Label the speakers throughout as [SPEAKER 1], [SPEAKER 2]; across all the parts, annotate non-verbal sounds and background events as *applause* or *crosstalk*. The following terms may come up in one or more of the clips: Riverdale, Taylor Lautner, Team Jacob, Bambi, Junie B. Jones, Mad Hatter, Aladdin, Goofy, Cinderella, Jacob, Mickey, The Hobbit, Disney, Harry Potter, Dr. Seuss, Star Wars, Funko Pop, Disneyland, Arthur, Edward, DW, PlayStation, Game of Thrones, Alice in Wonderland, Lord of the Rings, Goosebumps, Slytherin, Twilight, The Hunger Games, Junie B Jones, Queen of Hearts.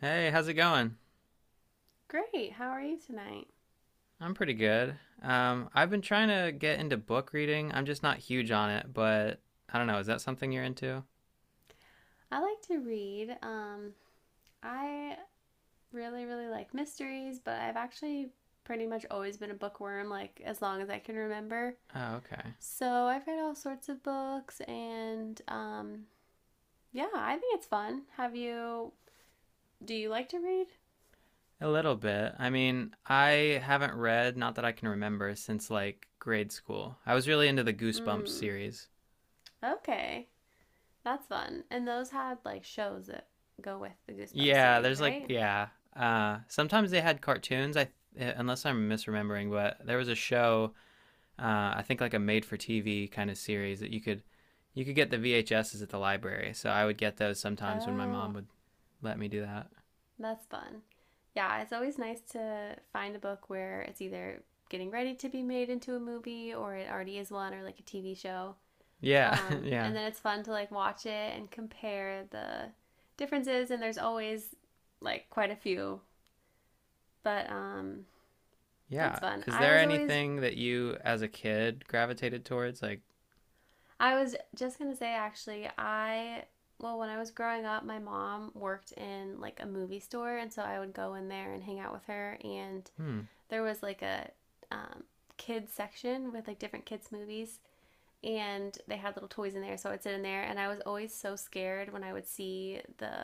[SPEAKER 1] Hey, how's it going?
[SPEAKER 2] Great. How are you tonight?
[SPEAKER 1] I'm pretty good. I've been trying to get into book reading. I'm just not huge on it, but I don't know. Is that something you're into?
[SPEAKER 2] I like to read. I really, really like mysteries, but I've actually pretty much always been a bookworm, like as long as I can remember.
[SPEAKER 1] Oh, okay.
[SPEAKER 2] So I've read all sorts of books, and yeah, I think it's fun. Have you? Do you like to read?
[SPEAKER 1] A little bit. I mean, I haven't read, not that I can remember, since like grade school. I was really into the Goosebumps
[SPEAKER 2] Hmm.
[SPEAKER 1] series.
[SPEAKER 2] Okay, that's fun. And those had like shows that go with the Goosebumps
[SPEAKER 1] Yeah,
[SPEAKER 2] series,
[SPEAKER 1] there's like,
[SPEAKER 2] right?
[SPEAKER 1] yeah. Sometimes they had cartoons, I, unless I'm misremembering, but there was a show I think like a made for TV kind of series that you could get the VHSs at the library. So I would get those sometimes when my mom
[SPEAKER 2] Oh,
[SPEAKER 1] would let me do that.
[SPEAKER 2] that's fun. Yeah, it's always nice to find a book where it's either getting ready to be made into a movie or it already is one or like a TV show.
[SPEAKER 1] Yeah, *laughs* yeah.
[SPEAKER 2] And then it's fun to like watch it and compare the differences and there's always like quite a few. But
[SPEAKER 1] Yeah.
[SPEAKER 2] that's fun.
[SPEAKER 1] Is there anything that you as a kid gravitated towards like
[SPEAKER 2] I was just going to say actually I well, when I was growing up my mom worked in like a movie store and so I would go in there and hang out with her and
[SPEAKER 1] hmm
[SPEAKER 2] there was like a um, kids section with like different kids movies and they had little toys in there so I'd sit in there and I was always so scared when I would see the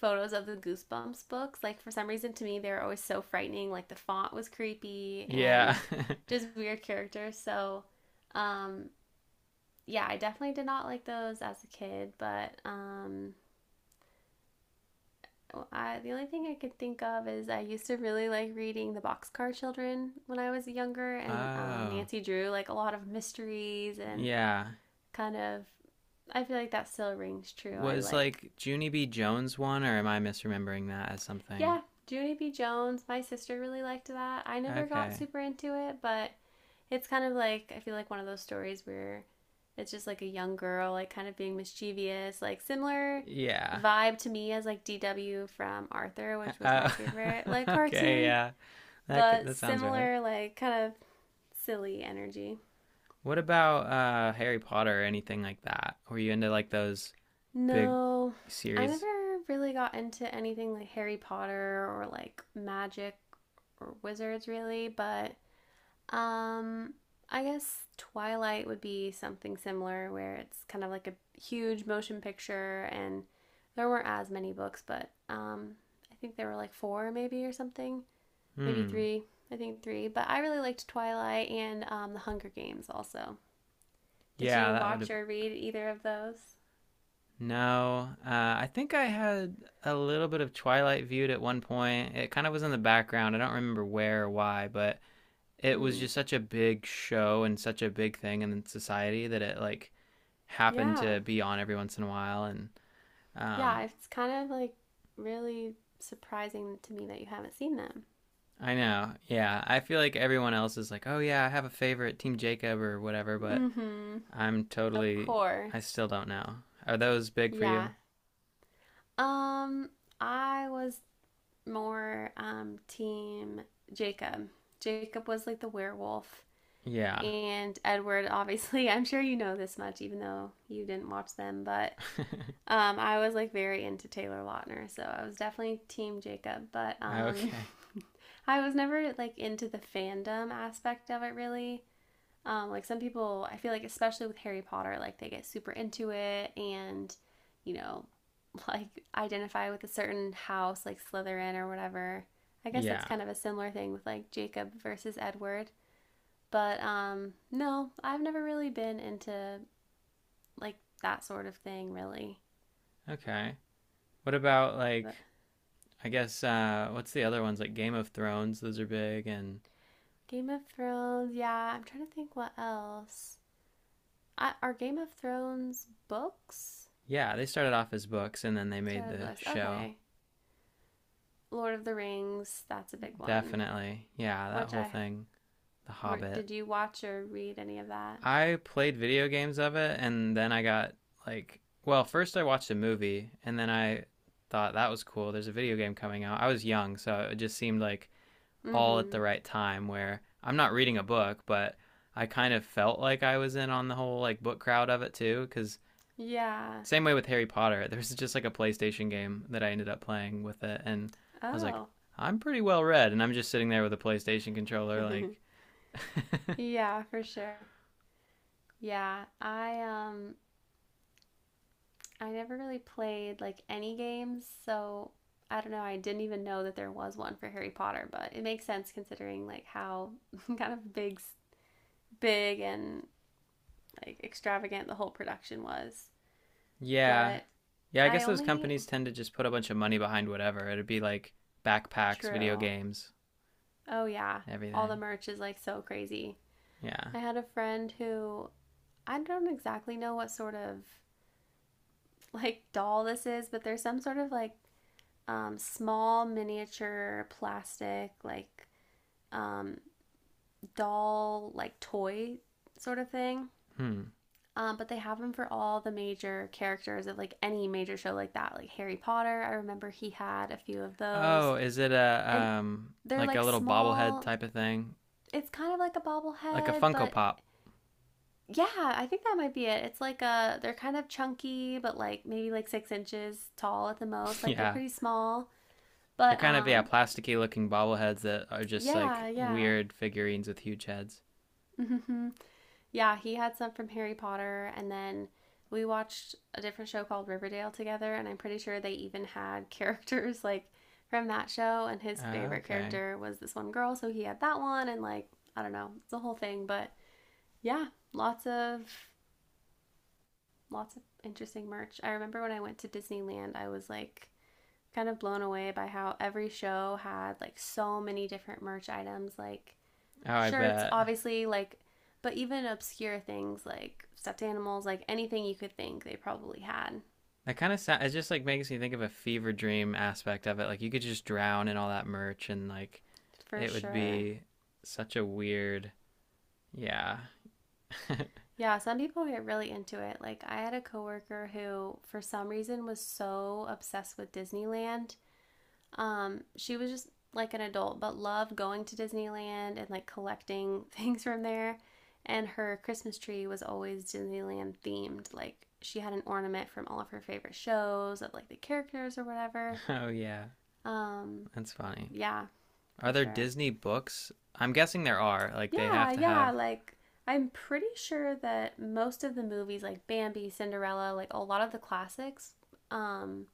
[SPEAKER 2] photos of the Goosebumps books, like for some reason to me they were always so frightening, like the font was creepy
[SPEAKER 1] yeah.
[SPEAKER 2] and just weird characters. So um yeah, I definitely did not like those as a kid, but oh, the only thing I could think of is I used to really like reading the Boxcar Children when I was younger,
[SPEAKER 1] *laughs*
[SPEAKER 2] and
[SPEAKER 1] oh.
[SPEAKER 2] Nancy Drew, like a lot of mysteries and
[SPEAKER 1] Yeah.
[SPEAKER 2] kind of. I feel like that still rings true.
[SPEAKER 1] Was like Junie B Jones one or am I misremembering that as something?
[SPEAKER 2] Yeah, Junie B. Jones. My sister really liked that. I never got
[SPEAKER 1] Okay.
[SPEAKER 2] super into it, but it's kind of like I feel like one of those stories where it's just like a young girl, like kind of being mischievous, like similar
[SPEAKER 1] Yeah.
[SPEAKER 2] vibe to me as like DW from Arthur, which was
[SPEAKER 1] Uh,
[SPEAKER 2] my favorite
[SPEAKER 1] *laughs*
[SPEAKER 2] like
[SPEAKER 1] okay,
[SPEAKER 2] cartoon.
[SPEAKER 1] yeah.
[SPEAKER 2] But
[SPEAKER 1] That sounds right.
[SPEAKER 2] similar, like kind of silly energy.
[SPEAKER 1] What about Harry Potter or anything like that? Were you into like those big
[SPEAKER 2] No, I
[SPEAKER 1] series?
[SPEAKER 2] never really got into anything like Harry Potter or like magic or wizards really, but um I guess Twilight would be something similar where it's kind of like a huge motion picture and there weren't as many books, but I think there were like 4 maybe or something, maybe
[SPEAKER 1] Hmm.
[SPEAKER 2] 3. I think 3, but I really liked Twilight and The Hunger Games also. Did
[SPEAKER 1] Yeah,
[SPEAKER 2] you
[SPEAKER 1] that would have.
[SPEAKER 2] watch or read either of those?
[SPEAKER 1] No, I think I had a little bit of Twilight viewed at one point. It kind of was in the background. I don't remember where or why, but it was
[SPEAKER 2] Mm.
[SPEAKER 1] just such a big show and such a big thing in society that it like happened to
[SPEAKER 2] Yeah.
[SPEAKER 1] be on every once in a while. And
[SPEAKER 2] Yeah,
[SPEAKER 1] um,
[SPEAKER 2] it's kind of like really surprising to me that you haven't seen them.
[SPEAKER 1] I know, yeah, I feel like everyone else is like, oh yeah, I have a favorite, Team Jacob or whatever, but
[SPEAKER 2] Mm-hmm.
[SPEAKER 1] I'm
[SPEAKER 2] Of
[SPEAKER 1] totally. I
[SPEAKER 2] course.
[SPEAKER 1] still don't know. Are those big for you?
[SPEAKER 2] Yeah. Um, I was more team Jacob. Jacob was like the werewolf
[SPEAKER 1] Yeah.
[SPEAKER 2] and Edward *laughs* obviously, I'm sure you know this much even though you didn't watch them, but I was like very into Taylor Lautner, so I was definitely Team Jacob, but
[SPEAKER 1] *laughs* okay.
[SPEAKER 2] *laughs* I was never like into the fandom aspect of it really. Like some people, I feel like especially with Harry Potter, like they get super into it and you know, *laughs* like identify with a certain house, like Slytherin or whatever. I guess that's
[SPEAKER 1] Yeah.
[SPEAKER 2] kind of a similar thing with like Jacob versus Edward. But no, I've never really been into like that sort of thing, really.
[SPEAKER 1] Okay. What about like?
[SPEAKER 2] But
[SPEAKER 1] I guess what's the other ones like Game of Thrones? Those are big and
[SPEAKER 2] Game of Thrones. Yeah, I'm trying to think what else. Are Game of Thrones books?
[SPEAKER 1] yeah, they started off as books and then they
[SPEAKER 2] Star
[SPEAKER 1] made
[SPEAKER 2] Wars
[SPEAKER 1] the
[SPEAKER 2] books.
[SPEAKER 1] show.
[SPEAKER 2] Okay. Lord of the Rings. That's a big one.
[SPEAKER 1] Definitely. Yeah, that
[SPEAKER 2] Which
[SPEAKER 1] whole
[SPEAKER 2] I
[SPEAKER 1] thing. The Hobbit.
[SPEAKER 2] did you watch or read any of that?
[SPEAKER 1] I played video games of it and then I got like well, first I watched a movie and then I thought that was cool. There's a video game coming out. I was young, so it just seemed like all at
[SPEAKER 2] Mm-hmm.
[SPEAKER 1] the right time where I'm not reading a book, but I kind of felt like I was in on the whole like book crowd of it too cuz
[SPEAKER 2] Yeah.
[SPEAKER 1] same way with Harry Potter, *laughs* there's just like a PlayStation game that I ended up playing with it and I was like
[SPEAKER 2] Oh.
[SPEAKER 1] I'm pretty well read and I'm just sitting there with a PlayStation controller like
[SPEAKER 2] *laughs* Yeah, for sure. Yeah. I never really played like any games, so I don't know. I didn't even know that there was one for Harry Potter, but it makes sense considering like how *laughs* kind of big and like extravagant the whole production was.
[SPEAKER 1] yeah.
[SPEAKER 2] But
[SPEAKER 1] Yeah, I
[SPEAKER 2] I
[SPEAKER 1] guess those
[SPEAKER 2] only.
[SPEAKER 1] companies tend to just put a bunch of money behind whatever. It'd be like backpacks, video
[SPEAKER 2] True.
[SPEAKER 1] games,
[SPEAKER 2] Oh yeah, all the
[SPEAKER 1] everything.
[SPEAKER 2] merch is like so crazy.
[SPEAKER 1] Yeah.
[SPEAKER 2] I had a friend who I don't exactly know what sort of like doll this is, but there's some sort of like small miniature plastic like um, doll like toy sort of thing.
[SPEAKER 1] Hmm.
[SPEAKER 2] But they have him for all the major characters of like any major show like that, like Harry Potter. I remember he had a few of those,
[SPEAKER 1] Oh, is it a
[SPEAKER 2] and they're
[SPEAKER 1] like
[SPEAKER 2] like
[SPEAKER 1] a little bobblehead
[SPEAKER 2] small.
[SPEAKER 1] type of thing?
[SPEAKER 2] It's kind of like a
[SPEAKER 1] Like a
[SPEAKER 2] bobblehead,
[SPEAKER 1] Funko
[SPEAKER 2] but
[SPEAKER 1] Pop.
[SPEAKER 2] yeah, I think that might be it. It's like a, they're kind of chunky, but like maybe like 6 inches tall at the most.
[SPEAKER 1] *laughs*
[SPEAKER 2] Like they're
[SPEAKER 1] Yeah,
[SPEAKER 2] pretty small,
[SPEAKER 1] they're
[SPEAKER 2] but
[SPEAKER 1] kind of yeah plasticky looking bobbleheads that are just like
[SPEAKER 2] yeah, yeah.
[SPEAKER 1] weird figurines with huge heads.
[SPEAKER 2] *laughs* Yeah, he had some from Harry Potter, and then we watched a different show called Riverdale together, and I'm pretty sure they even had *laughs* characters like from that show, and his
[SPEAKER 1] Oh,
[SPEAKER 2] favorite
[SPEAKER 1] okay.
[SPEAKER 2] character was this one girl, so he had that one, and like I don't know, it's a whole thing, but yeah, lots of lots of interesting merch. I remember when I went to Disneyland, I was like kind of blown away by how every show had like so many different merch items, like
[SPEAKER 1] Oh, I
[SPEAKER 2] shirts,
[SPEAKER 1] bet
[SPEAKER 2] obviously, like, but even obscure things like stuffed animals, like anything you could think, they probably had.
[SPEAKER 1] that kind of sound. It just like makes me think of a fever dream aspect of it. Like you could just drown in all that merch and like
[SPEAKER 2] For
[SPEAKER 1] it would
[SPEAKER 2] sure.
[SPEAKER 1] be such a weird. Yeah. *laughs*
[SPEAKER 2] Yeah, some people get really into it. Like, I had a coworker who, for some reason, was so obsessed with Disneyland. She was just like an adult, but loved going to Disneyland and like collecting *laughs* things from there. And her Christmas tree was always Disneyland themed. Like, she had an ornament from all of her favorite shows of like the characters or whatever.
[SPEAKER 1] oh yeah,
[SPEAKER 2] Um,
[SPEAKER 1] that's funny.
[SPEAKER 2] Yeah,
[SPEAKER 1] Are
[SPEAKER 2] for
[SPEAKER 1] there
[SPEAKER 2] sure.
[SPEAKER 1] Disney books? I'm guessing there are. Like they
[SPEAKER 2] Yeah,
[SPEAKER 1] have to
[SPEAKER 2] yeah.
[SPEAKER 1] have.
[SPEAKER 2] Like, I'm pretty sure that most of the movies, like Bambi, Cinderella, like a lot of the classics, um,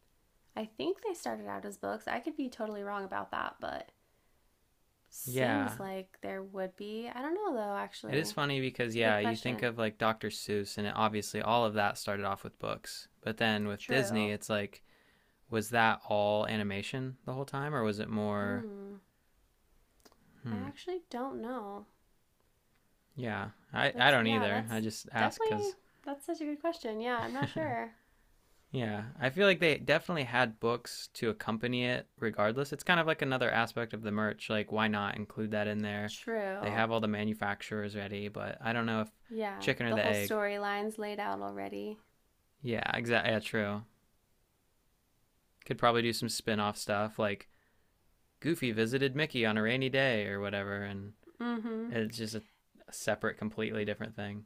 [SPEAKER 2] I think they started out as books. I could be totally wrong about that, but
[SPEAKER 1] Yeah,
[SPEAKER 2] seems like there would be. I don't know, though,
[SPEAKER 1] it is
[SPEAKER 2] actually.
[SPEAKER 1] funny because
[SPEAKER 2] It's a
[SPEAKER 1] yeah,
[SPEAKER 2] good
[SPEAKER 1] you think
[SPEAKER 2] question.
[SPEAKER 1] of like Dr. Seuss and it, obviously all of that started off with books. But then with Disney,
[SPEAKER 2] True.
[SPEAKER 1] it's like was that all animation the whole time or was it more
[SPEAKER 2] Hmm. I
[SPEAKER 1] hmm
[SPEAKER 2] actually don't know.
[SPEAKER 1] yeah, I
[SPEAKER 2] That's,
[SPEAKER 1] don't
[SPEAKER 2] yeah,
[SPEAKER 1] either. I
[SPEAKER 2] that's
[SPEAKER 1] just ask cuz
[SPEAKER 2] definitely, that's such a good question. Yeah, I'm not
[SPEAKER 1] *laughs*
[SPEAKER 2] sure.
[SPEAKER 1] yeah, I feel like they definitely had books to accompany it regardless. It's kind of like another aspect of the merch, like why not include that in there? They
[SPEAKER 2] True.
[SPEAKER 1] have all the manufacturers ready, but I don't know if
[SPEAKER 2] Yeah,
[SPEAKER 1] chicken or
[SPEAKER 2] the
[SPEAKER 1] the
[SPEAKER 2] whole
[SPEAKER 1] egg.
[SPEAKER 2] storyline's laid out already.
[SPEAKER 1] Yeah, exactly. Yeah, true. Could probably do some spin off stuff like Goofy visited Mickey on a rainy day or whatever, and
[SPEAKER 2] Mm-hmm.
[SPEAKER 1] it's just a separate, completely different thing.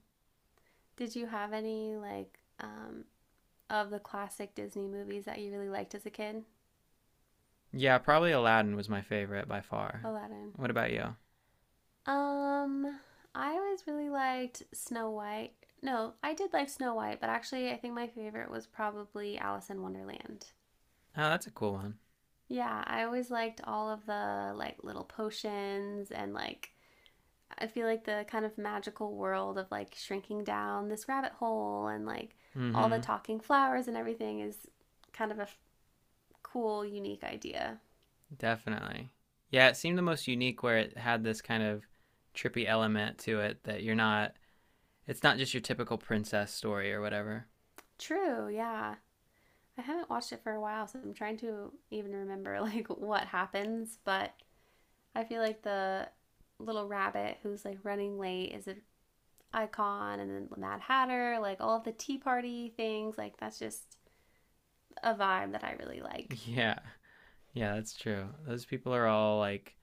[SPEAKER 2] Did you have any like of the classic Disney movies that you really liked as a kid?
[SPEAKER 1] Yeah, probably Aladdin was my favorite by far.
[SPEAKER 2] Aladdin.
[SPEAKER 1] What about you? Oh,
[SPEAKER 2] Um, I always really liked Snow White. No, I did like Snow White, but actually I think my favorite was probably Alice in Wonderland.
[SPEAKER 1] that's a cool one.
[SPEAKER 2] Yeah, I always liked all of the like little potions and like I feel like the kind of magical world of like shrinking down this rabbit hole and like
[SPEAKER 1] Mm
[SPEAKER 2] all
[SPEAKER 1] hmm.
[SPEAKER 2] the talking flowers and everything is kind of a cool, unique idea.
[SPEAKER 1] Definitely. Yeah, it seemed the most unique where it had this kind of trippy element to it that you're not, it's not just your typical princess story or whatever.
[SPEAKER 2] True, yeah. I haven't watched it for a while, so I'm trying to even remember *laughs* like what happens, but I feel like the little rabbit who's like running late is an icon and then the Mad Hatter, like all of the tea party things, like that's just a vibe that I really
[SPEAKER 1] *laughs*
[SPEAKER 2] like.
[SPEAKER 1] Yeah. Yeah, that's true. Those people are all like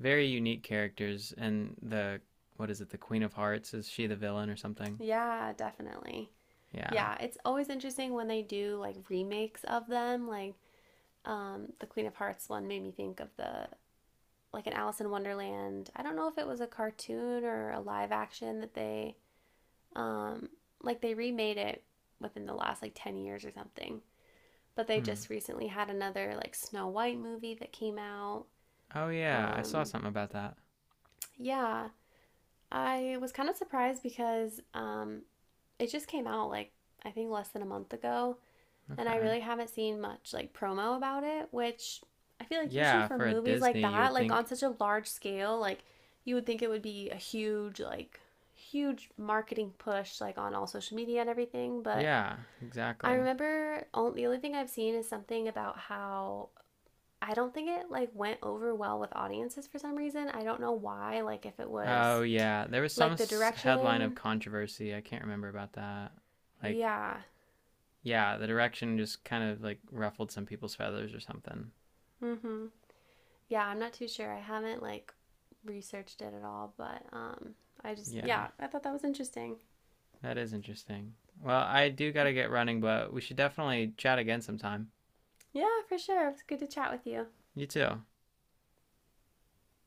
[SPEAKER 1] very unique characters. And the what is it? The Queen of Hearts is she the villain or something?
[SPEAKER 2] Yeah, definitely.
[SPEAKER 1] Yeah.
[SPEAKER 2] Yeah, it's always interesting when they do like remakes of them, like the Queen of Hearts one made me think of the like an Alice in Wonderland. I don't know if it was a cartoon or a live action that they um like they remade it within the last like 10 years or something. But they
[SPEAKER 1] Hmm.
[SPEAKER 2] just recently had another like Snow White movie that came out.
[SPEAKER 1] Oh yeah, I saw
[SPEAKER 2] Um
[SPEAKER 1] something about that.
[SPEAKER 2] yeah, I was kind of surprised because it just came out like I think less than a month ago and I
[SPEAKER 1] Okay.
[SPEAKER 2] really haven't seen much like promo about it, which I feel like usually
[SPEAKER 1] Yeah,
[SPEAKER 2] for
[SPEAKER 1] for a
[SPEAKER 2] movies like
[SPEAKER 1] Disney, you
[SPEAKER 2] that,
[SPEAKER 1] would
[SPEAKER 2] like on
[SPEAKER 1] think.
[SPEAKER 2] such a large scale, like you would think it would be a huge like huge marketing push like on all social media and everything, but
[SPEAKER 1] Yeah,
[SPEAKER 2] I
[SPEAKER 1] exactly.
[SPEAKER 2] remember only, the only thing I've seen is something about how I don't think it like went over well with audiences for some reason. I don't know why, like if it
[SPEAKER 1] Oh
[SPEAKER 2] was
[SPEAKER 1] yeah, there was some
[SPEAKER 2] like the
[SPEAKER 1] headline of
[SPEAKER 2] direction.
[SPEAKER 1] controversy. I can't remember about that. Like,
[SPEAKER 2] Yeah.
[SPEAKER 1] yeah, the direction just kind of like ruffled some people's feathers or something.
[SPEAKER 2] Mhm. Yeah, I'm not too sure. I haven't like researched it at all, but I just
[SPEAKER 1] Yeah,
[SPEAKER 2] yeah, I thought that was interesting.
[SPEAKER 1] that is interesting. Well, I do gotta get running, but we should definitely chat again sometime.
[SPEAKER 2] Yeah, for sure. It was good to chat with you.
[SPEAKER 1] You too.